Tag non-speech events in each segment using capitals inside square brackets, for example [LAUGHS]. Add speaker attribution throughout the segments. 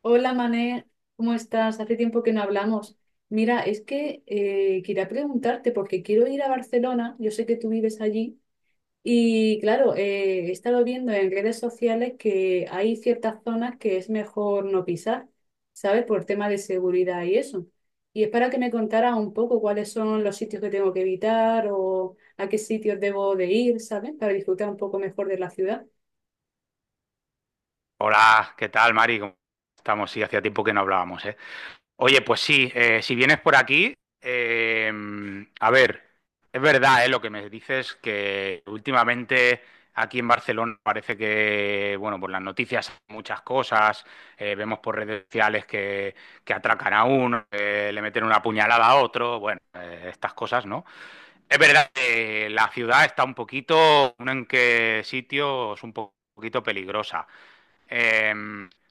Speaker 1: Hola Mané, ¿cómo estás? Hace tiempo que no hablamos. Mira, es que quería preguntarte porque quiero ir a Barcelona, yo sé que tú vives allí y claro, he estado viendo en redes sociales que hay ciertas zonas que es mejor no pisar, ¿sabes? Por tema de seguridad y eso. Y es para que me contara un poco cuáles son los sitios que tengo que evitar o a qué sitios debo de ir, ¿sabes? Para disfrutar un poco mejor de la ciudad.
Speaker 2: Hola, ¿qué tal, Mari? ¿Cómo estamos? Sí, hacía tiempo que no hablábamos, ¿eh? Oye, pues sí, si vienes por aquí, eh, a ver, es verdad, ¿eh? Lo que me dices que últimamente aquí en Barcelona parece que, bueno, por las noticias muchas cosas, vemos por redes sociales que atracan a uno, que le meten una puñalada a otro, bueno, estas cosas, ¿no? Es verdad que la ciudad está un poquito, en qué sitios, poquito peligrosa.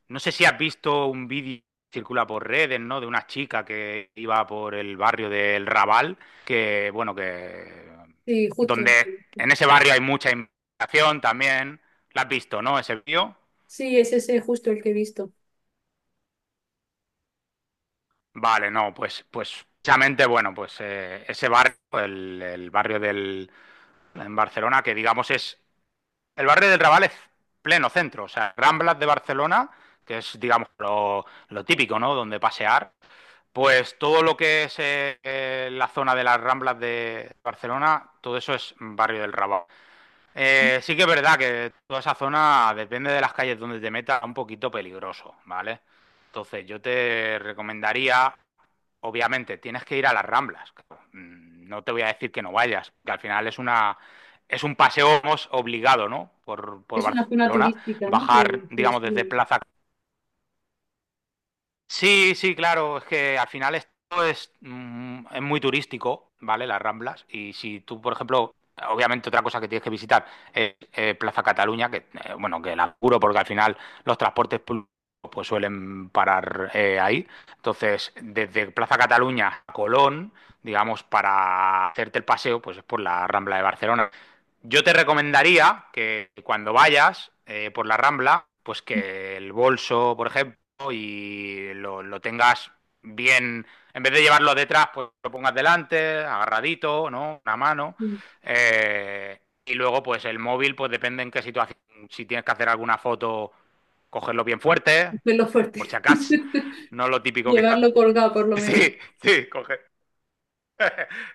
Speaker 2: No sé si has visto un vídeo que circula por redes, ¿no? De una chica que iba por el barrio del Raval, que, bueno, que...
Speaker 1: Sí, justo.
Speaker 2: Donde En ese barrio hay mucha inmigración también. ¿La has visto, no? Ese vídeo.
Speaker 1: Sí, es ese justo el que he visto.
Speaker 2: Vale, no, pues, precisamente, bueno, pues ese barrio, en Barcelona, que digamos es, el barrio del Raval es pleno centro, o sea, Ramblas de Barcelona, que es, digamos, lo típico, ¿no? Donde pasear, pues todo lo que es la zona de las Ramblas de Barcelona, todo eso es barrio del Raval. Sí que es verdad que toda esa zona, depende de las calles donde te metas, es un poquito peligroso, ¿vale? Entonces yo te recomendaría, obviamente, tienes que ir a las Ramblas. Claro. No te voy a decir que no vayas, que al final es un paseo digamos, obligado, ¿no? Por
Speaker 1: Es una zona
Speaker 2: Barcelona,
Speaker 1: turística, ¿no? Que
Speaker 2: bajar,
Speaker 1: que
Speaker 2: digamos, desde
Speaker 1: suele
Speaker 2: Plaza. Sí, sí, claro, es que al final esto es muy turístico, ¿vale? Las Ramblas. Y si tú, por ejemplo, obviamente otra cosa que tienes que visitar es Plaza Cataluña, que bueno, que la curo porque al final los transportes públicos pues suelen parar ahí. Entonces, desde Plaza Cataluña a Colón, digamos, para hacerte el paseo, pues es por la Rambla de Barcelona. Yo te recomendaría que cuando vayas por la Rambla, pues que el bolso, por ejemplo, y lo tengas bien, en vez de llevarlo detrás, pues lo pongas delante, agarradito, ¿no? Una mano.
Speaker 1: mm,
Speaker 2: Y luego, pues el móvil, pues depende en qué situación, si tienes que hacer alguna foto, cogerlo bien fuerte,
Speaker 1: hacerlo
Speaker 2: por
Speaker 1: fuerte.
Speaker 2: si acaso.
Speaker 1: [LAUGHS]
Speaker 2: No lo típico que está.
Speaker 1: Llevarlo
Speaker 2: [LAUGHS]
Speaker 1: colgado, por lo menos.
Speaker 2: Sí, sí, coge.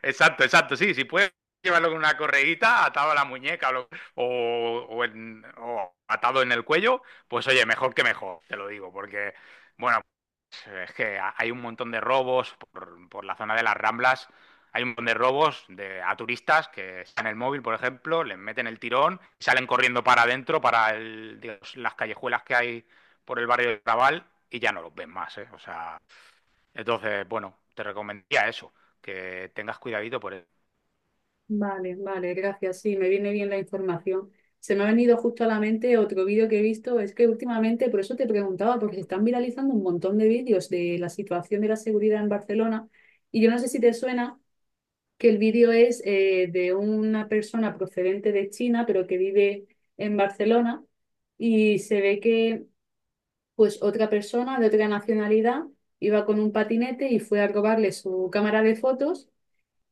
Speaker 2: Exacto, exacto, sí, si puedes llevarlo con una correguita atado a la muñeca o, lo- o en- o atado en el cuello, pues oye, mejor que mejor, te lo digo, porque, bueno, es que hay un montón de robos por la zona de las Ramblas. Hay un montón de robos a turistas que están en el móvil, por ejemplo, les meten el tirón, salen corriendo para adentro, para el, digamos, las callejuelas que hay por el barrio de Raval y ya no los ven más. ¿Eh? O sea, entonces, bueno, te recomendaría eso, que tengas cuidadito por eso.
Speaker 1: Vale, vale, gracias. Sí, me viene bien la información. Se me ha venido justo a la mente otro vídeo que he visto. Es que últimamente, por eso te preguntaba, porque se están viralizando un montón de vídeos de la situación de la seguridad en Barcelona. Y yo no sé si te suena que el vídeo es de una persona procedente de China, pero que vive en Barcelona. Y se ve que pues otra persona de otra nacionalidad iba con un patinete y fue a robarle su cámara de fotos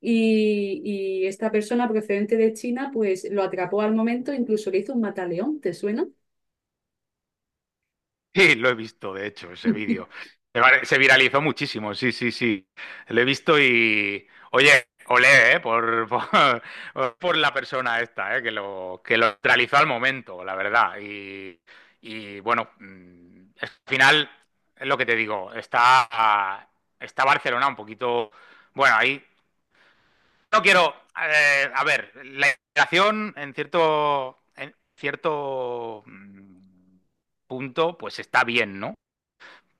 Speaker 1: y, y esta persona procedente de China pues lo atrapó al momento, incluso le hizo un mataleón, ¿te suena?
Speaker 2: Sí, lo he visto, de hecho, ese vídeo. Se viralizó muchísimo, sí, sí, sí. Lo he visto y, oye, olé, [LAUGHS] por la persona esta, que lo realizó al momento, la verdad. Y bueno, al final, es lo que te digo, está Barcelona un poquito. Bueno, ahí. No quiero. A ver, la integración en cierto punto, pues está bien, ¿no?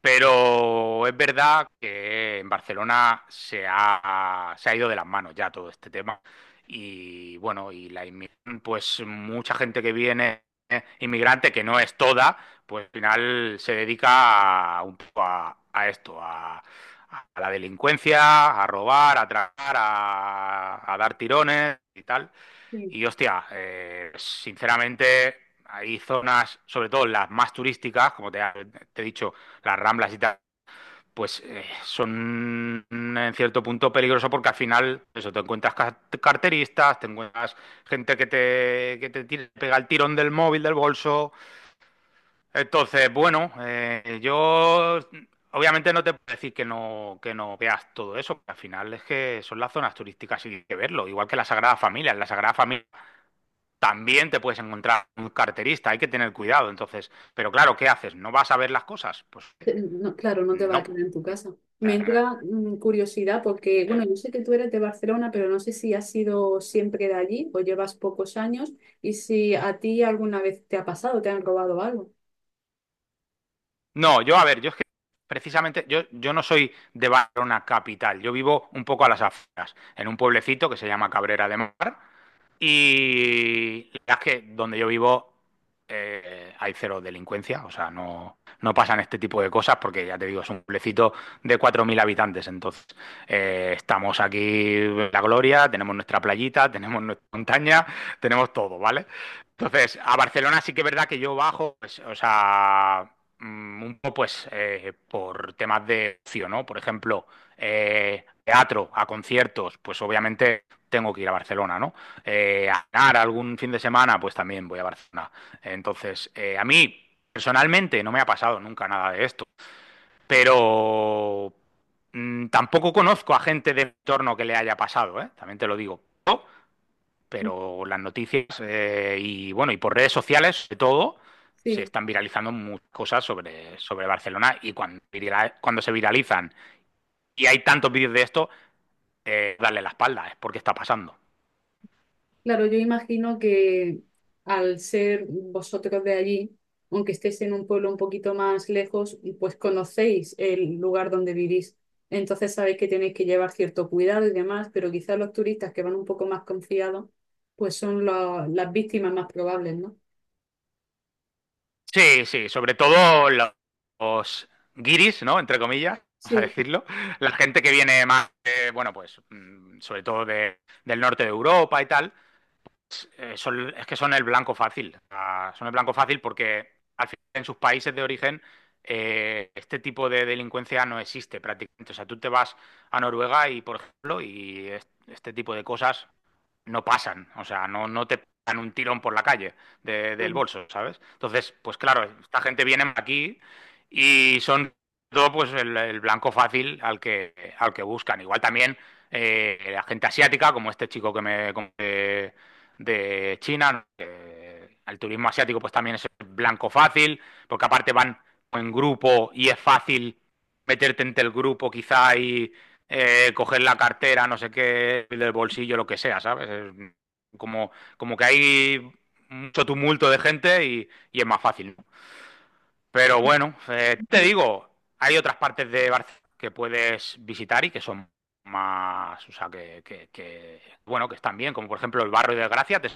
Speaker 2: Pero es verdad que en Barcelona se ha ido de las manos ya todo este tema. Y bueno, y la inmigración, pues mucha gente que viene inmigrante, que no es toda, pues al final se dedica un poco a esto, a la delincuencia, a robar, a tragar, a dar tirones y tal.
Speaker 1: Sí.
Speaker 2: Y hostia, sinceramente, hay zonas, sobre todo las más turísticas, como te he dicho, las Ramblas y tal, pues son en cierto punto peligroso porque al final, eso, te encuentras carteristas, te encuentras gente que te pega el tirón del móvil, del bolso. Entonces, bueno, yo obviamente no te puedo decir que no veas todo eso, porque al final es que son las zonas turísticas y hay que verlo, igual que la Sagrada Familia. En la Sagrada Familia también te puedes encontrar un carterista, hay que tener cuidado. Entonces, pero claro, ¿qué haces? ¿No vas a ver las cosas? Pues
Speaker 1: No, claro, no te va
Speaker 2: no.
Speaker 1: a quedar en tu
Speaker 2: O
Speaker 1: casa. Me
Speaker 2: sea,
Speaker 1: entra mm, curiosidad porque, bueno,
Speaker 2: eh,
Speaker 1: yo sé que tú eres de Barcelona, pero no sé si has sido siempre de allí o llevas pocos años y si a ti alguna vez te ha pasado, te han robado algo.
Speaker 2: no, yo a ver, yo es que precisamente, yo no soy de Barcelona capital, yo vivo un poco a las afueras, en un pueblecito que se llama Cabrera de Mar. Y la verdad es que donde yo vivo hay cero delincuencia, o sea, no, no pasan este tipo de cosas porque ya te digo, es un pueblecito de 4.000 habitantes, entonces estamos aquí en la gloria, tenemos nuestra playita, [LAUGHS] tenemos nuestra montaña, tenemos todo, ¿vale? Entonces, a Barcelona sí que es verdad que yo bajo, pues, o sea, un poco pues por temas de ocio, ¿no? Por ejemplo, teatro, a conciertos, pues obviamente tengo que ir a Barcelona, ¿no? A ganar algún fin de semana, pues también voy a Barcelona. Entonces, a mí personalmente no me ha pasado nunca nada de esto, pero tampoco conozco a gente de mi entorno que le haya pasado, ¿eh? También te lo digo. Pero las noticias y bueno, y por redes sociales, sobre todo, se
Speaker 1: Sí.
Speaker 2: están viralizando muchas cosas sobre Barcelona y cuando se viralizan y hay tantos vídeos de esto, darle la espalda, es porque está pasando.
Speaker 1: Claro, yo imagino que al ser vosotros de allí, aunque estéis en un pueblo un poquito más lejos, pues conocéis el lugar donde vivís. Entonces sabéis que tenéis que llevar cierto cuidado y demás, pero quizás los turistas que van un poco más confiados, pues son las víctimas más probables, ¿no?
Speaker 2: Sí, sí, sobre todo los guiris, ¿no? Entre comillas, [LAUGHS] vamos a
Speaker 1: Sí,
Speaker 2: decirlo. La gente que viene más, bueno, pues, sobre todo del norte de Europa y tal, es que son el blanco fácil. O sea, son el blanco fácil porque al final en sus países de origen este tipo de delincuencia no existe prácticamente. O sea, tú te vas a Noruega y, por ejemplo, este tipo de cosas no pasan, o sea, no, no te pegan un tirón por la calle del
Speaker 1: claro.
Speaker 2: bolso, ¿sabes? Entonces, pues claro, esta gente viene aquí y son todo pues el blanco fácil al que buscan. Igual también la gente asiática, como este chico que me conté de China, ¿no? El turismo asiático pues también es el blanco fácil, porque aparte van en grupo y es fácil meterte entre el grupo quizá y coger la cartera, no sé qué, del bolsillo, lo que sea, ¿sabes? Es como, como que hay mucho tumulto de gente y es más fácil. ¿No? Pero bueno, te digo, hay otras partes de Barcelona que puedes visitar y que son más, o sea, que están bien, como por ejemplo el barrio de Gracia, te...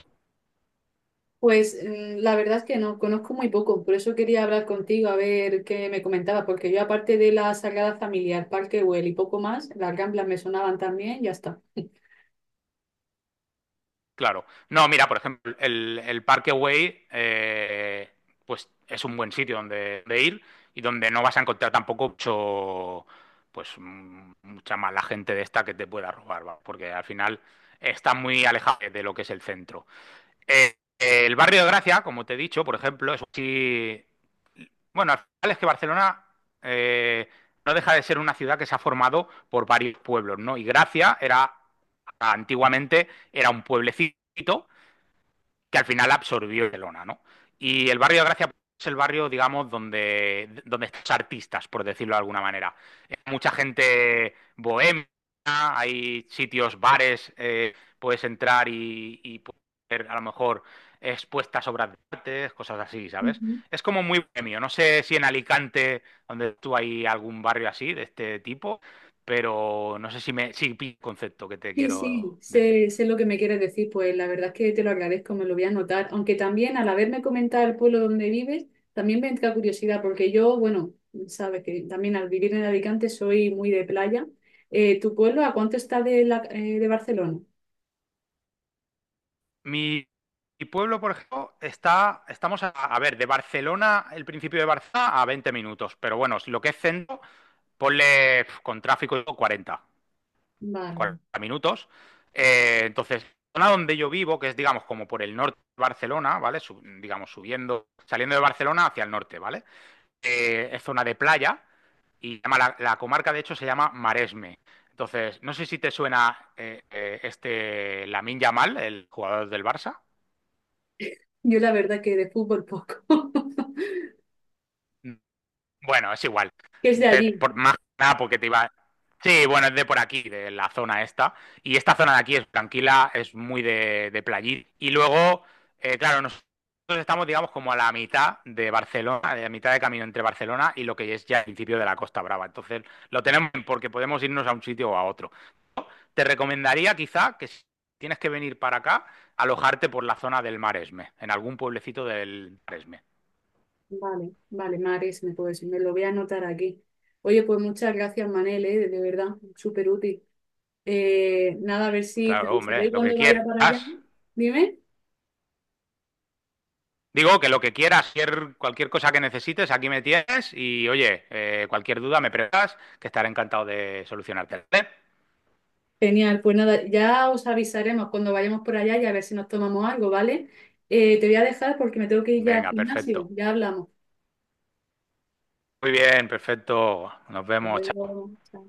Speaker 1: Pues la verdad es que no, conozco muy poco, por eso quería hablar contigo a ver qué me comentaba, porque yo aparte de la Sagrada Familia, el Parque Güell y poco más, las Ramblas me sonaban también, ya está.
Speaker 2: Claro. No, mira, por ejemplo, el Parkway, pues es un buen sitio donde ir y donde no vas a encontrar tampoco mucho, pues mucha mala gente de esta que te pueda robar, va. Porque al final está muy alejado de lo que es el centro. El barrio de Gracia, como te he dicho, por ejemplo, bueno, al final es que Barcelona eh, no deja de ser una ciudad que se ha formado por varios pueblos, ¿no? Y Gracia era, antiguamente, era un pueblecito que al final absorbió Barcelona, ¿no? Y el barrio de Gracia es el barrio, digamos, donde están los artistas, por decirlo de alguna manera. Mucha gente bohemia, hay sitios, bares, puedes entrar y puedes ver a lo mejor expuestas obras de arte, cosas así, ¿sabes? Es como muy bohemio. No sé si en Alicante, donde tú hay algún barrio así, de este tipo, pero no sé si pillo el concepto que te
Speaker 1: Sí, sí,
Speaker 2: quiero decir.
Speaker 1: sé lo que me quieres decir, pues la verdad es que te lo agradezco, me lo voy a anotar, aunque también al haberme comentado el pueblo donde vives, también me entra curiosidad, porque yo, bueno, sabes que también al vivir en Alicante soy muy de playa. ¿tu pueblo a cuánto está de, la, de Barcelona?
Speaker 2: Mi, mi pueblo, por ejemplo, estamos a ver, de Barcelona, el principio de Barcelona, a 20 minutos, pero bueno, si lo que es centro, ponle con tráfico y cuarenta
Speaker 1: Vale,
Speaker 2: minutos. Entonces, la zona donde yo vivo, que es, digamos, como por el norte de Barcelona, ¿vale? Digamos, subiendo, saliendo de Barcelona hacia el norte, ¿vale? Es zona de playa y se llama la comarca, de hecho, se llama Maresme. Entonces, no sé si te suena este Lamine Yamal, el jugador del Barça.
Speaker 1: yo la verdad que de fútbol poco, [LAUGHS]
Speaker 2: Bueno, es igual.
Speaker 1: que es de
Speaker 2: Te-
Speaker 1: allí.
Speaker 2: por, más que nada porque te iba. Sí, bueno, es de por aquí, de la zona esta. Y esta zona de aquí es tranquila, es muy de playita. Y luego, claro, nosotros estamos, digamos, como a la mitad de Barcelona, de la mitad de camino entre Barcelona y lo que es ya el principio de la Costa Brava. Entonces, lo tenemos bien porque podemos irnos a un sitio o a otro. Te recomendaría quizá que si tienes que venir para acá, alojarte por la zona del Maresme, en algún pueblecito del Maresme.
Speaker 1: Vale, vale, Mares, me, pues, me lo voy a anotar aquí. Oye, pues muchas gracias, Manel, de verdad, súper útil. Nada, a ver si te
Speaker 2: Claro, hombre,
Speaker 1: avisaré
Speaker 2: lo que
Speaker 1: cuando vaya
Speaker 2: quieras.
Speaker 1: para allá. Dime.
Speaker 2: Digo que lo que quieras, cualquier cosa que necesites, aquí me tienes y oye, cualquier duda me preguntas, que estaré encantado de solucionarte. ¿Vale?
Speaker 1: Genial, pues nada, ya os avisaremos cuando vayamos por allá y a ver si nos tomamos algo, ¿vale? Te voy a dejar porque me tengo que ir ya al
Speaker 2: Venga,
Speaker 1: gimnasio.
Speaker 2: perfecto.
Speaker 1: Ya hablamos.
Speaker 2: Muy bien, perfecto. Nos
Speaker 1: Hasta
Speaker 2: vemos, chao.
Speaker 1: luego. Chao.